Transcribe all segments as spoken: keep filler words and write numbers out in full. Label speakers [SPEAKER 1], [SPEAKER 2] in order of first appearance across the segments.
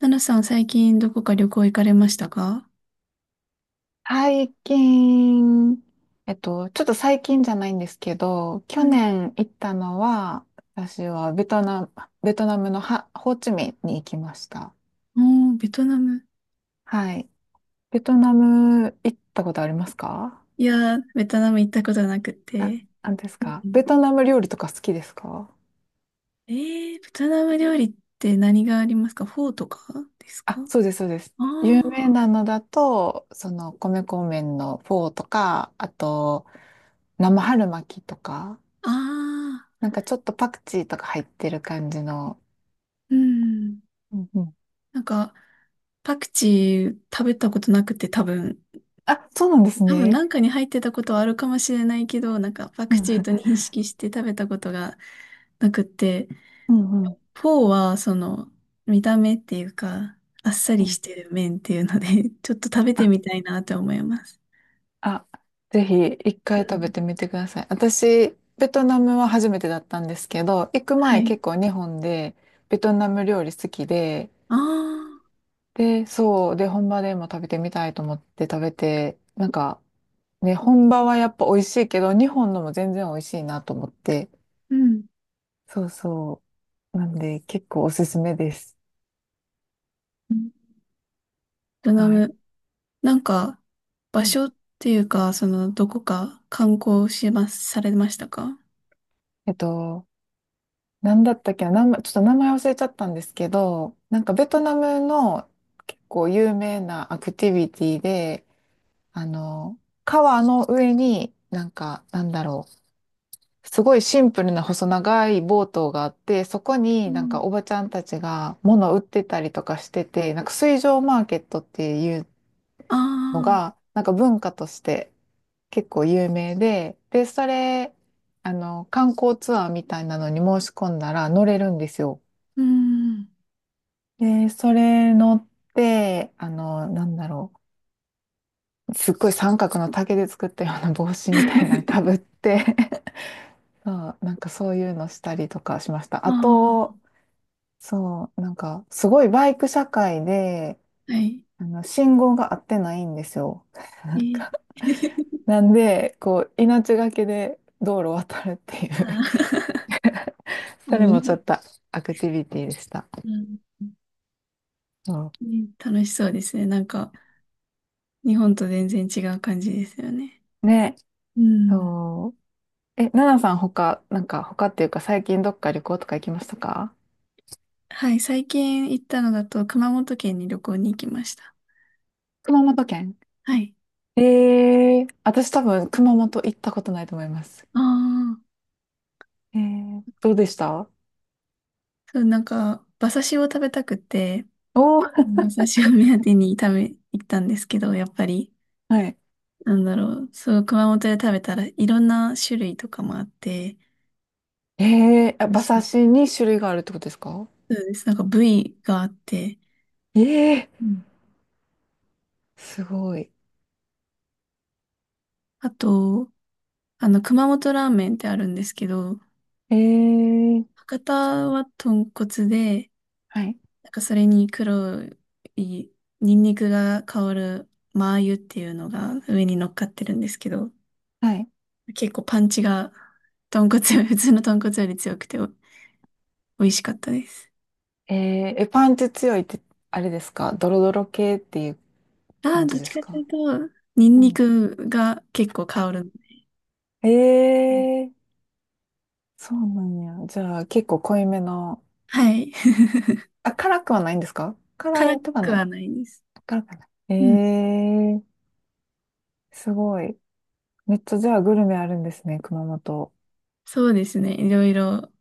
[SPEAKER 1] ナナさん、最近どこか旅行行かれましたか？
[SPEAKER 2] 最近、えっと、ちょっと最近じゃないんですけど、
[SPEAKER 1] う
[SPEAKER 2] 去
[SPEAKER 1] ん。
[SPEAKER 2] 年行ったのは、私はベトナム、ベトナムのハ、ホーチミンに行きました。
[SPEAKER 1] おー、ベトナム。
[SPEAKER 2] はい。ベトナム行ったことありますか？
[SPEAKER 1] いやー、ベトナム行ったことなく
[SPEAKER 2] あ、
[SPEAKER 1] て。
[SPEAKER 2] なんです
[SPEAKER 1] う
[SPEAKER 2] か、ベ
[SPEAKER 1] ん。
[SPEAKER 2] トナム料理とか好きですか？
[SPEAKER 1] えー、ベトナム料理って何がありますか？フォーとかですか？
[SPEAKER 2] あ、そうです、そうです。
[SPEAKER 1] あ
[SPEAKER 2] 有名なのだと、その、米粉麺のフォーとか、あと、生春巻きとか、
[SPEAKER 1] あー、あ
[SPEAKER 2] なんかちょっとパクチーとか入ってる感じの。
[SPEAKER 1] ーうん。
[SPEAKER 2] うんうん。
[SPEAKER 1] なんか、パクチー食べたことなくて多分、
[SPEAKER 2] あ、そうなんです
[SPEAKER 1] 多分
[SPEAKER 2] ね。
[SPEAKER 1] なんかに入ってたことはあるかもしれないけど、なんかパ
[SPEAKER 2] う
[SPEAKER 1] ク
[SPEAKER 2] んうん、
[SPEAKER 1] チーと認識して食べたことがなくて、
[SPEAKER 2] うんうんうん
[SPEAKER 1] フォーは、その、見た目っていうか、あっさ
[SPEAKER 2] う
[SPEAKER 1] りし
[SPEAKER 2] ん。
[SPEAKER 1] てる麺っていうので、ちょっと食べて
[SPEAKER 2] あ、
[SPEAKER 1] みたいなって思います。
[SPEAKER 2] あ、ぜひ一回
[SPEAKER 1] う
[SPEAKER 2] 食べ
[SPEAKER 1] ん。
[SPEAKER 2] てみてください。私、ベトナムは初めてだったんですけど、行く
[SPEAKER 1] は
[SPEAKER 2] 前
[SPEAKER 1] い。
[SPEAKER 2] 結構日本でベトナム料理好きで、
[SPEAKER 1] ああ、
[SPEAKER 2] で、そう、で、本場でも食べてみたいと思って食べて、なんか、ね、本場はやっぱ美味しいけど、日本のも全然美味しいなと思って、
[SPEAKER 1] うん。
[SPEAKER 2] そうそう。なんで、結構おすすめです。
[SPEAKER 1] うん。ベトナ
[SPEAKER 2] はい。
[SPEAKER 1] ム、なんか、場
[SPEAKER 2] うん。
[SPEAKER 1] 所っていうか、その、どこか観光します、されましたか？
[SPEAKER 2] えっと、なんだったっけな、名前ちょっと名前忘れちゃったんですけど、なんかベトナムの結構有名なアクティビティで、あの、川の上になんか、なんだろう、すごいシンプルな細長いボートがあって、そこ
[SPEAKER 1] う
[SPEAKER 2] になんか
[SPEAKER 1] ん。
[SPEAKER 2] おばちゃんたちが物を売ってたりとかしてて、なんか水上マーケットっていう
[SPEAKER 1] あ
[SPEAKER 2] の
[SPEAKER 1] あ、
[SPEAKER 2] が、なんか文化として結構有名で、で、それ、あの、観光ツアーみたいなのに申し込んだら乗れるんですよ。
[SPEAKER 1] うん。
[SPEAKER 2] で、それ乗って、あの、なんだろう。すっごい三角の竹で作ったような帽子みたいなのかぶ って そう、なんかそういうのしたりとかしました。あ
[SPEAKER 1] あ
[SPEAKER 2] と、そう、なんかすごいバイク社会で、
[SPEAKER 1] あ、はい。
[SPEAKER 2] あの、信号が合ってないんですよ。な
[SPEAKER 1] え
[SPEAKER 2] んか、
[SPEAKER 1] ー
[SPEAKER 2] なんで、こう、命がけで道路を渡るっていう
[SPEAKER 1] あー
[SPEAKER 2] そ
[SPEAKER 1] あ
[SPEAKER 2] れ
[SPEAKER 1] の
[SPEAKER 2] もちょ
[SPEAKER 1] ね。
[SPEAKER 2] っとアクティビティでした。
[SPEAKER 1] うんう
[SPEAKER 2] そ
[SPEAKER 1] ん。楽しそうですね。なんか、日本と全然違う感じですよね。
[SPEAKER 2] う。ね、
[SPEAKER 1] うん。
[SPEAKER 2] そう。え、ナナさん他、なんか他っていうか最近どっか旅行とか行きましたか？
[SPEAKER 1] はい、最近行ったのだと熊本県に旅行に行きました。
[SPEAKER 2] 熊本県。
[SPEAKER 1] はい。
[SPEAKER 2] えー、私多分熊本行ったことないと思います。
[SPEAKER 1] ああ、
[SPEAKER 2] えー、どうでした？
[SPEAKER 1] そう、なんか、馬刺しを食べたくて、
[SPEAKER 2] おー、
[SPEAKER 1] バ馬シ刺しを目当てに食べ、行ったんですけど、やっぱり、
[SPEAKER 2] はい。
[SPEAKER 1] なんだろう、そう、熊本で食べたらいろんな種類とかもあって、
[SPEAKER 2] えー、あ、
[SPEAKER 1] 美味
[SPEAKER 2] 馬
[SPEAKER 1] しか
[SPEAKER 2] 刺
[SPEAKER 1] っ
[SPEAKER 2] し
[SPEAKER 1] た。
[SPEAKER 2] に種類があるってことですか？
[SPEAKER 1] そうです。なんか部位があって、
[SPEAKER 2] えー、
[SPEAKER 1] うん。
[SPEAKER 2] すごい。
[SPEAKER 1] あと、あの、熊本ラーメンってあるんですけど、
[SPEAKER 2] えー、
[SPEAKER 1] 博多は豚骨で、
[SPEAKER 2] はい、
[SPEAKER 1] なんかそれに黒いニンニクが香るマー油っていうのが上に乗っかってるんですけど、
[SPEAKER 2] はい。
[SPEAKER 1] 結構パンチが豚骨より、普通の豚骨より強くてお美味しかったです。
[SPEAKER 2] えー、え、パンチ強いって、あれですか、ドロドロ系っていう
[SPEAKER 1] ああ、
[SPEAKER 2] 感
[SPEAKER 1] ど
[SPEAKER 2] じ
[SPEAKER 1] っ
[SPEAKER 2] で
[SPEAKER 1] ち
[SPEAKER 2] す
[SPEAKER 1] かとい
[SPEAKER 2] か？
[SPEAKER 1] うと、ニン
[SPEAKER 2] う
[SPEAKER 1] ニ
[SPEAKER 2] ん。
[SPEAKER 1] クが結構香
[SPEAKER 2] あ、
[SPEAKER 1] る。
[SPEAKER 2] え
[SPEAKER 1] うん。
[SPEAKER 2] ー、そうなんや。じゃあ結構濃いめの。
[SPEAKER 1] はい。
[SPEAKER 2] あ、辛くはないんですか？ 辛
[SPEAKER 1] 辛
[SPEAKER 2] いとか
[SPEAKER 1] く
[SPEAKER 2] な
[SPEAKER 1] は
[SPEAKER 2] い？
[SPEAKER 1] ないです。
[SPEAKER 2] 辛くはない。
[SPEAKER 1] うん。
[SPEAKER 2] えー、すごい。めっちゃじゃあグルメあるんですね、熊本。
[SPEAKER 1] そうですね。いろいろ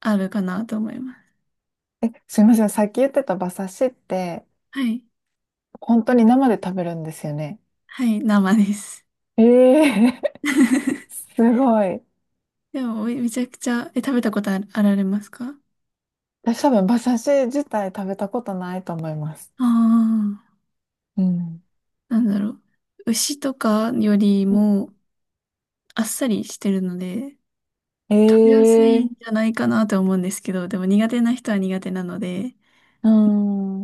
[SPEAKER 1] あるかなと思います。
[SPEAKER 2] え、すいません。さっき言ってた馬刺しって、
[SPEAKER 1] はい。
[SPEAKER 2] 本当に生で食べるんですよね。
[SPEAKER 1] はい、生です。
[SPEAKER 2] ええー。すごい。
[SPEAKER 1] でも、おいめちゃくちゃ、え、食べたことあるあられますか？
[SPEAKER 2] 私多分馬刺し自体食べたことないと思います。
[SPEAKER 1] ああー。
[SPEAKER 2] うん。
[SPEAKER 1] なんだろう。牛とかよりもあっさりしてるので、
[SPEAKER 2] え
[SPEAKER 1] 食べやすいんじ
[SPEAKER 2] え
[SPEAKER 1] ゃないかなと思うんですけど、でも苦手な人は苦手なので、
[SPEAKER 2] ー、う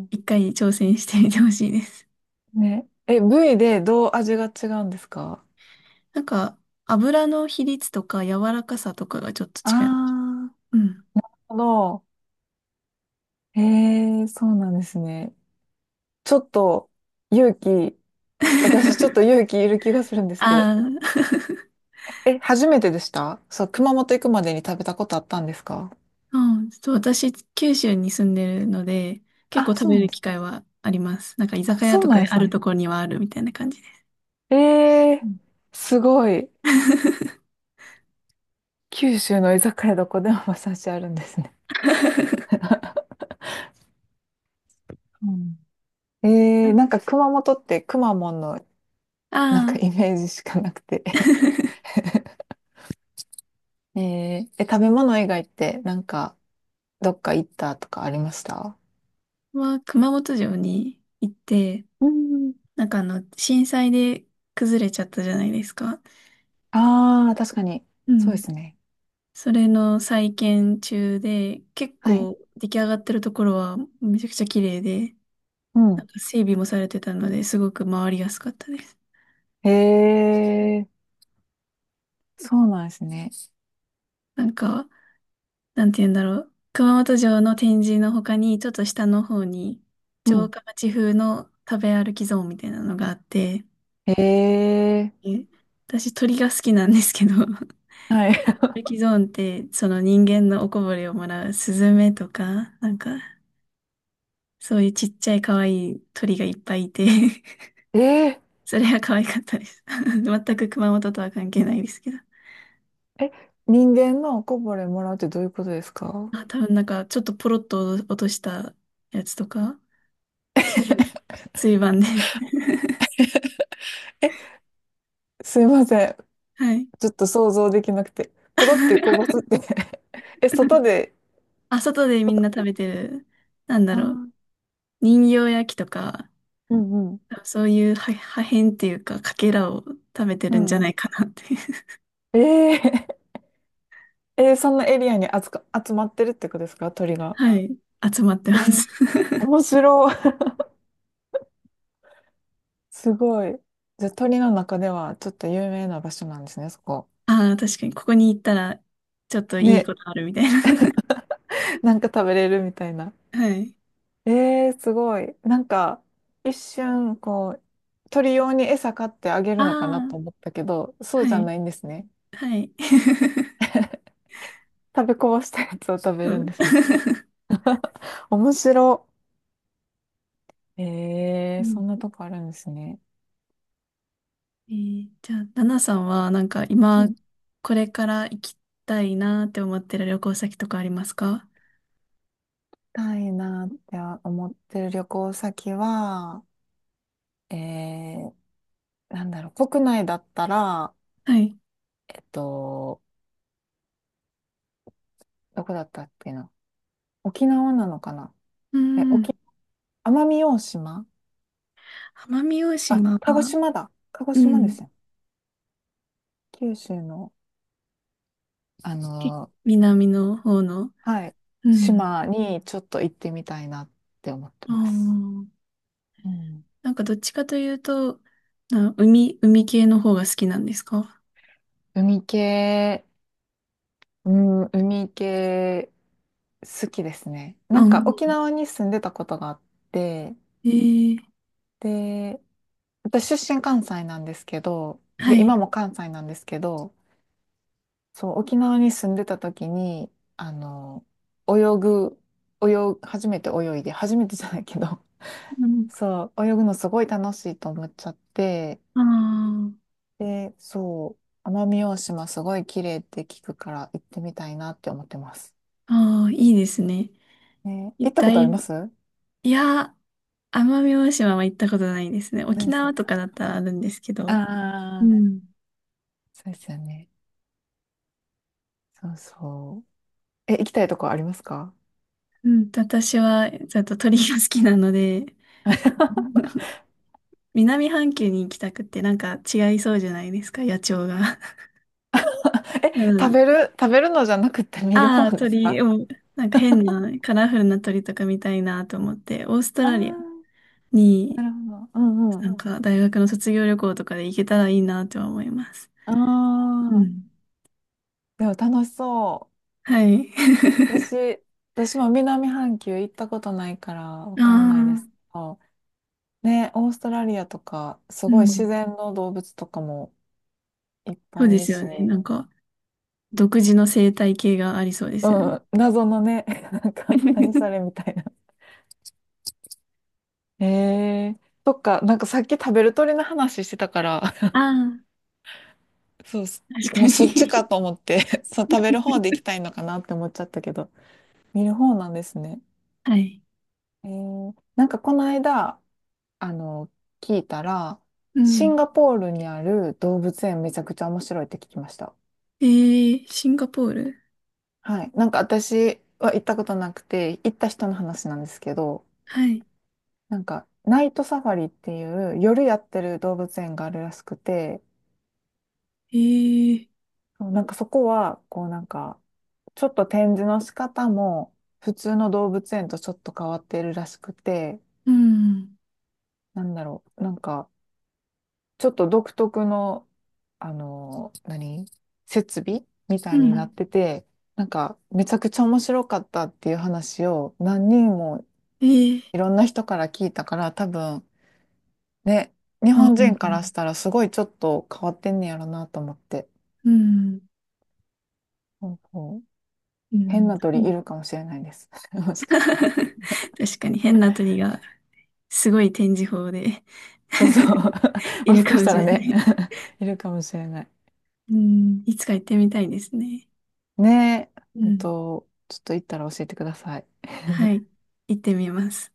[SPEAKER 2] ん。
[SPEAKER 1] 一回挑戦してみてほしいです。
[SPEAKER 2] ね。え、部位でどう味が違うんですか？
[SPEAKER 1] なんか、油の比率とか柔らかさとかがちょっと
[SPEAKER 2] あ
[SPEAKER 1] 違う。
[SPEAKER 2] あー、なる
[SPEAKER 1] うん。
[SPEAKER 2] ほど。ええー、そうなんですね。ちょっと勇気、私ちょっと勇 気いる気がするんですけど。
[SPEAKER 1] ああ、
[SPEAKER 2] え、初めてでした？そう、熊本行くまでに食べたことあったんですか？
[SPEAKER 1] うん、ちょっと私、九州に住んでるので、結構
[SPEAKER 2] あ、
[SPEAKER 1] 食
[SPEAKER 2] そう
[SPEAKER 1] べ
[SPEAKER 2] なん
[SPEAKER 1] る
[SPEAKER 2] で
[SPEAKER 1] 機
[SPEAKER 2] す。
[SPEAKER 1] 会はあります。なんか居
[SPEAKER 2] あ、
[SPEAKER 1] 酒屋
[SPEAKER 2] そう
[SPEAKER 1] とか
[SPEAKER 2] なん
[SPEAKER 1] で
[SPEAKER 2] で
[SPEAKER 1] あ
[SPEAKER 2] す
[SPEAKER 1] る
[SPEAKER 2] ね。
[SPEAKER 1] ところにはあるみたいな感じです。
[SPEAKER 2] え
[SPEAKER 1] う
[SPEAKER 2] え
[SPEAKER 1] ん。
[SPEAKER 2] ー、すごい。九州の居酒屋どこでも馬刺しあるんですね。うん。
[SPEAKER 1] あ
[SPEAKER 2] えー、なんか 熊本ってくまモンのなん
[SPEAKER 1] あ。
[SPEAKER 2] かイメージしかなくて えー、え、食べ物以外ってなんかどっか行ったとかありました？
[SPEAKER 1] は熊本城に行って、
[SPEAKER 2] うん。
[SPEAKER 1] なんかあの、震災で崩れちゃったじゃないですか。
[SPEAKER 2] ああー、確かに。
[SPEAKER 1] う
[SPEAKER 2] そうで
[SPEAKER 1] ん。
[SPEAKER 2] すね。
[SPEAKER 1] それの再建中で、結
[SPEAKER 2] はい。
[SPEAKER 1] 構出来上がってるところはめちゃくちゃ綺麗で、
[SPEAKER 2] う
[SPEAKER 1] な
[SPEAKER 2] ん。
[SPEAKER 1] んか整備もされてたので、すごく回りやすかったです。
[SPEAKER 2] へえ、そうなんですね。
[SPEAKER 1] なんか、なんて言うんだろう。熊本城の展示の他に、ちょっと下の方に、
[SPEAKER 2] う
[SPEAKER 1] 城
[SPEAKER 2] ん。
[SPEAKER 1] 下町風の食べ歩きゾーンみたいなのがあって、
[SPEAKER 2] へえ、
[SPEAKER 1] え私鳥が好きなんですけど、
[SPEAKER 2] はい。
[SPEAKER 1] ルキゾーンって、その人間のおこぼれをもらうスズメとか、なんか、そういうちっちゃい可愛い鳥がいっぱいいて
[SPEAKER 2] ええ、
[SPEAKER 1] それは可愛かったです。全く熊本とは関係ないですけど。
[SPEAKER 2] え、人間のおこぼれもらうってどういうことですか？
[SPEAKER 1] あ、多分なんか、ちょっとポロッと落としたやつとか、うん。椎盤で
[SPEAKER 2] え、すいません。
[SPEAKER 1] はい。
[SPEAKER 2] ちょっと想像できなくて。ポロってこぼすって。 え、外で、
[SPEAKER 1] あ、外でみんな食べてる、なんだ
[SPEAKER 2] あ
[SPEAKER 1] ろう、
[SPEAKER 2] ー、
[SPEAKER 1] 人形焼きとか、
[SPEAKER 2] うんうん、
[SPEAKER 1] そういう破破片っていうか、かけらを食べて
[SPEAKER 2] う
[SPEAKER 1] るんじゃ
[SPEAKER 2] ん。
[SPEAKER 1] ないかなって
[SPEAKER 2] ええ、えー、そんなエリアに集か、集まってるってことですか、鳥 が。
[SPEAKER 1] はい。集まって
[SPEAKER 2] え
[SPEAKER 1] ま
[SPEAKER 2] ー、
[SPEAKER 1] す。
[SPEAKER 2] 面白い。すごい。じゃあ鳥の中ではちょっと有名な場所なんですね、そこ。
[SPEAKER 1] ああ、確かに、ここに行ったら、ちょっといい
[SPEAKER 2] ね、
[SPEAKER 1] ことあるみたいな。
[SPEAKER 2] なんか食べれるみたいな。
[SPEAKER 1] はい。
[SPEAKER 2] えー、すごい。なんか、一瞬、こう、鳥用に餌買ってあげ
[SPEAKER 1] あ
[SPEAKER 2] るのかなと
[SPEAKER 1] あ、
[SPEAKER 2] 思ったけど、そう
[SPEAKER 1] は
[SPEAKER 2] じゃ
[SPEAKER 1] い。
[SPEAKER 2] ないんですね。
[SPEAKER 1] はい。
[SPEAKER 2] 食べこぼしたやつを食べ
[SPEAKER 1] そ
[SPEAKER 2] るんで
[SPEAKER 1] う。
[SPEAKER 2] すね。面白。え
[SPEAKER 1] う
[SPEAKER 2] ー、そ
[SPEAKER 1] ん。
[SPEAKER 2] んなとこあるんですね。
[SPEAKER 1] えーじゃあ、ナナさんは、なんか、
[SPEAKER 2] うん。
[SPEAKER 1] 今、
[SPEAKER 2] 行き
[SPEAKER 1] これから行きたいなって思ってる旅行先とかありますか？
[SPEAKER 2] たいなって思ってる旅行先は、えー、なんだろう、国内だったら、
[SPEAKER 1] はい。
[SPEAKER 2] えっと、どこだったっけな。沖縄なのかな。
[SPEAKER 1] う
[SPEAKER 2] え、
[SPEAKER 1] ん。
[SPEAKER 2] 沖、奄美大島。
[SPEAKER 1] 奄美大
[SPEAKER 2] あ、
[SPEAKER 1] 島
[SPEAKER 2] 鹿児
[SPEAKER 1] は、
[SPEAKER 2] 島だ。鹿児
[SPEAKER 1] う
[SPEAKER 2] 島です
[SPEAKER 1] ん。
[SPEAKER 2] よね？九州の、あ
[SPEAKER 1] け
[SPEAKER 2] の、
[SPEAKER 1] 南の方の、
[SPEAKER 2] はい、
[SPEAKER 1] うん。
[SPEAKER 2] 島にちょっと行ってみたいなって思って
[SPEAKER 1] あ
[SPEAKER 2] ます。
[SPEAKER 1] あ、
[SPEAKER 2] うん、
[SPEAKER 1] なんか、どっちかというと、な海、海系の方が好きなんですか？
[SPEAKER 2] 海系、うん、海系好きですね。な
[SPEAKER 1] う
[SPEAKER 2] んか
[SPEAKER 1] ん。
[SPEAKER 2] 沖縄に住んでたことがあって、
[SPEAKER 1] えー
[SPEAKER 2] で、私出身関西なんですけど、
[SPEAKER 1] は
[SPEAKER 2] で、
[SPEAKER 1] い。
[SPEAKER 2] 今も関西なんですけど、そう、沖縄に住んでた時に、あの、泳ぐ、泳ぐ、初めて泳いで、初めてじゃないけど、
[SPEAKER 1] うん。
[SPEAKER 2] そう、泳ぐのすごい楽しいと思っちゃって、
[SPEAKER 1] あ
[SPEAKER 2] で、そう、奄美大島すごい綺麗って聞くから行ってみたいなって思ってます。
[SPEAKER 1] あ、ああ、いいですね。
[SPEAKER 2] ね、
[SPEAKER 1] 一
[SPEAKER 2] 行ったことあ
[SPEAKER 1] 体、
[SPEAKER 2] ります？な
[SPEAKER 1] いや、奄美大島は行ったことないですね。
[SPEAKER 2] い
[SPEAKER 1] 沖
[SPEAKER 2] です。
[SPEAKER 1] 縄とかだったらあるんですけど。う
[SPEAKER 2] ああ、
[SPEAKER 1] ん。
[SPEAKER 2] そうですよね。そうそう。え、行きたいとこありますか？
[SPEAKER 1] うん、私は、ちょっと鳥が好きなので、南半球に行きたくって、なんか違いそうじゃないですか、野鳥が。
[SPEAKER 2] え、
[SPEAKER 1] う
[SPEAKER 2] 食
[SPEAKER 1] ん。
[SPEAKER 2] べる、食べるのじゃなくて見る
[SPEAKER 1] あ
[SPEAKER 2] 方
[SPEAKER 1] あ、
[SPEAKER 2] ですか？
[SPEAKER 1] 鳥を、なんか変な、カラフルな鳥とか見たいなと思って、オースト
[SPEAKER 2] あ。
[SPEAKER 1] ラリア
[SPEAKER 2] あー、
[SPEAKER 1] に、
[SPEAKER 2] なるほど。うんうん。
[SPEAKER 1] なんか大学の卒業旅行とかで行けたらいいなとは思います。
[SPEAKER 2] あ
[SPEAKER 1] う
[SPEAKER 2] あ、
[SPEAKER 1] ん。
[SPEAKER 2] でも楽しそ
[SPEAKER 1] はい。
[SPEAKER 2] う。私、私も南半球行ったことないからわ
[SPEAKER 1] あ
[SPEAKER 2] かんないですけ
[SPEAKER 1] あ、
[SPEAKER 2] ど。ね、オーストラリアとか、す
[SPEAKER 1] う
[SPEAKER 2] ごい自
[SPEAKER 1] ん。
[SPEAKER 2] 然の動物とかもいっ
[SPEAKER 1] そう
[SPEAKER 2] ぱいい
[SPEAKER 1] で
[SPEAKER 2] る
[SPEAKER 1] すよ
[SPEAKER 2] し、
[SPEAKER 1] ね。なんか、独自の生態系がありそうですよね。
[SPEAKER 2] うん、謎のね、なんか、何それ みたいな。えー、そっか、なんかさっき食べる鳥の話してたから、
[SPEAKER 1] あ
[SPEAKER 2] そうそ
[SPEAKER 1] あ、確
[SPEAKER 2] う、
[SPEAKER 1] か
[SPEAKER 2] もうそっちか
[SPEAKER 1] に。
[SPEAKER 2] と思って、そう、食べる方 で行きたいのかなって思っちゃったけど、見る方なんですね。
[SPEAKER 1] はい。
[SPEAKER 2] えー、なんかこの間、あの、聞いたら、
[SPEAKER 1] う
[SPEAKER 2] シ
[SPEAKER 1] ん。
[SPEAKER 2] ンガポールにある動物園めちゃくちゃ面白いって聞きました。
[SPEAKER 1] えー、シンガポール。
[SPEAKER 2] はい。なんか私は行ったことなくて、行った人の話なんですけど、
[SPEAKER 1] はい。
[SPEAKER 2] なんか、ナイトサファリっていう夜やってる動物園があるらしくて、
[SPEAKER 1] えー、
[SPEAKER 2] そう、なんかそこは、こうなんか、ちょっと展示の仕方も普通の動物園とちょっと変わってるらしくて、
[SPEAKER 1] うん。
[SPEAKER 2] なんだろう、なんか、ちょっと独特の、あの、何設備みた
[SPEAKER 1] う
[SPEAKER 2] いにな
[SPEAKER 1] ん。
[SPEAKER 2] ってて、なんか、めちゃくちゃ面白かったっていう話を何人も
[SPEAKER 1] えー、
[SPEAKER 2] いろんな人から聞いたから、多分、ね、日
[SPEAKER 1] あ、
[SPEAKER 2] 本
[SPEAKER 1] うん。
[SPEAKER 2] 人からしたらすごいちょっと変わってんねやろなと思って。
[SPEAKER 1] うん。
[SPEAKER 2] そうそう、
[SPEAKER 1] う
[SPEAKER 2] 変
[SPEAKER 1] ん。
[SPEAKER 2] な鳥いるかもしれないです。もし かしたら。
[SPEAKER 1] 確かに変な鳥がすごい展示法で
[SPEAKER 2] そうそう。
[SPEAKER 1] い
[SPEAKER 2] も
[SPEAKER 1] る
[SPEAKER 2] しか
[SPEAKER 1] か
[SPEAKER 2] し
[SPEAKER 1] も
[SPEAKER 2] た
[SPEAKER 1] し
[SPEAKER 2] ら
[SPEAKER 1] れな
[SPEAKER 2] ね。
[SPEAKER 1] い。
[SPEAKER 2] いるかもしれない。
[SPEAKER 1] うん。いつか行ってみたいですね。
[SPEAKER 2] ねえ、
[SPEAKER 1] う
[SPEAKER 2] ほん
[SPEAKER 1] ん。
[SPEAKER 2] と、ちょっと行ったら教えてください。
[SPEAKER 1] はい、行ってみます。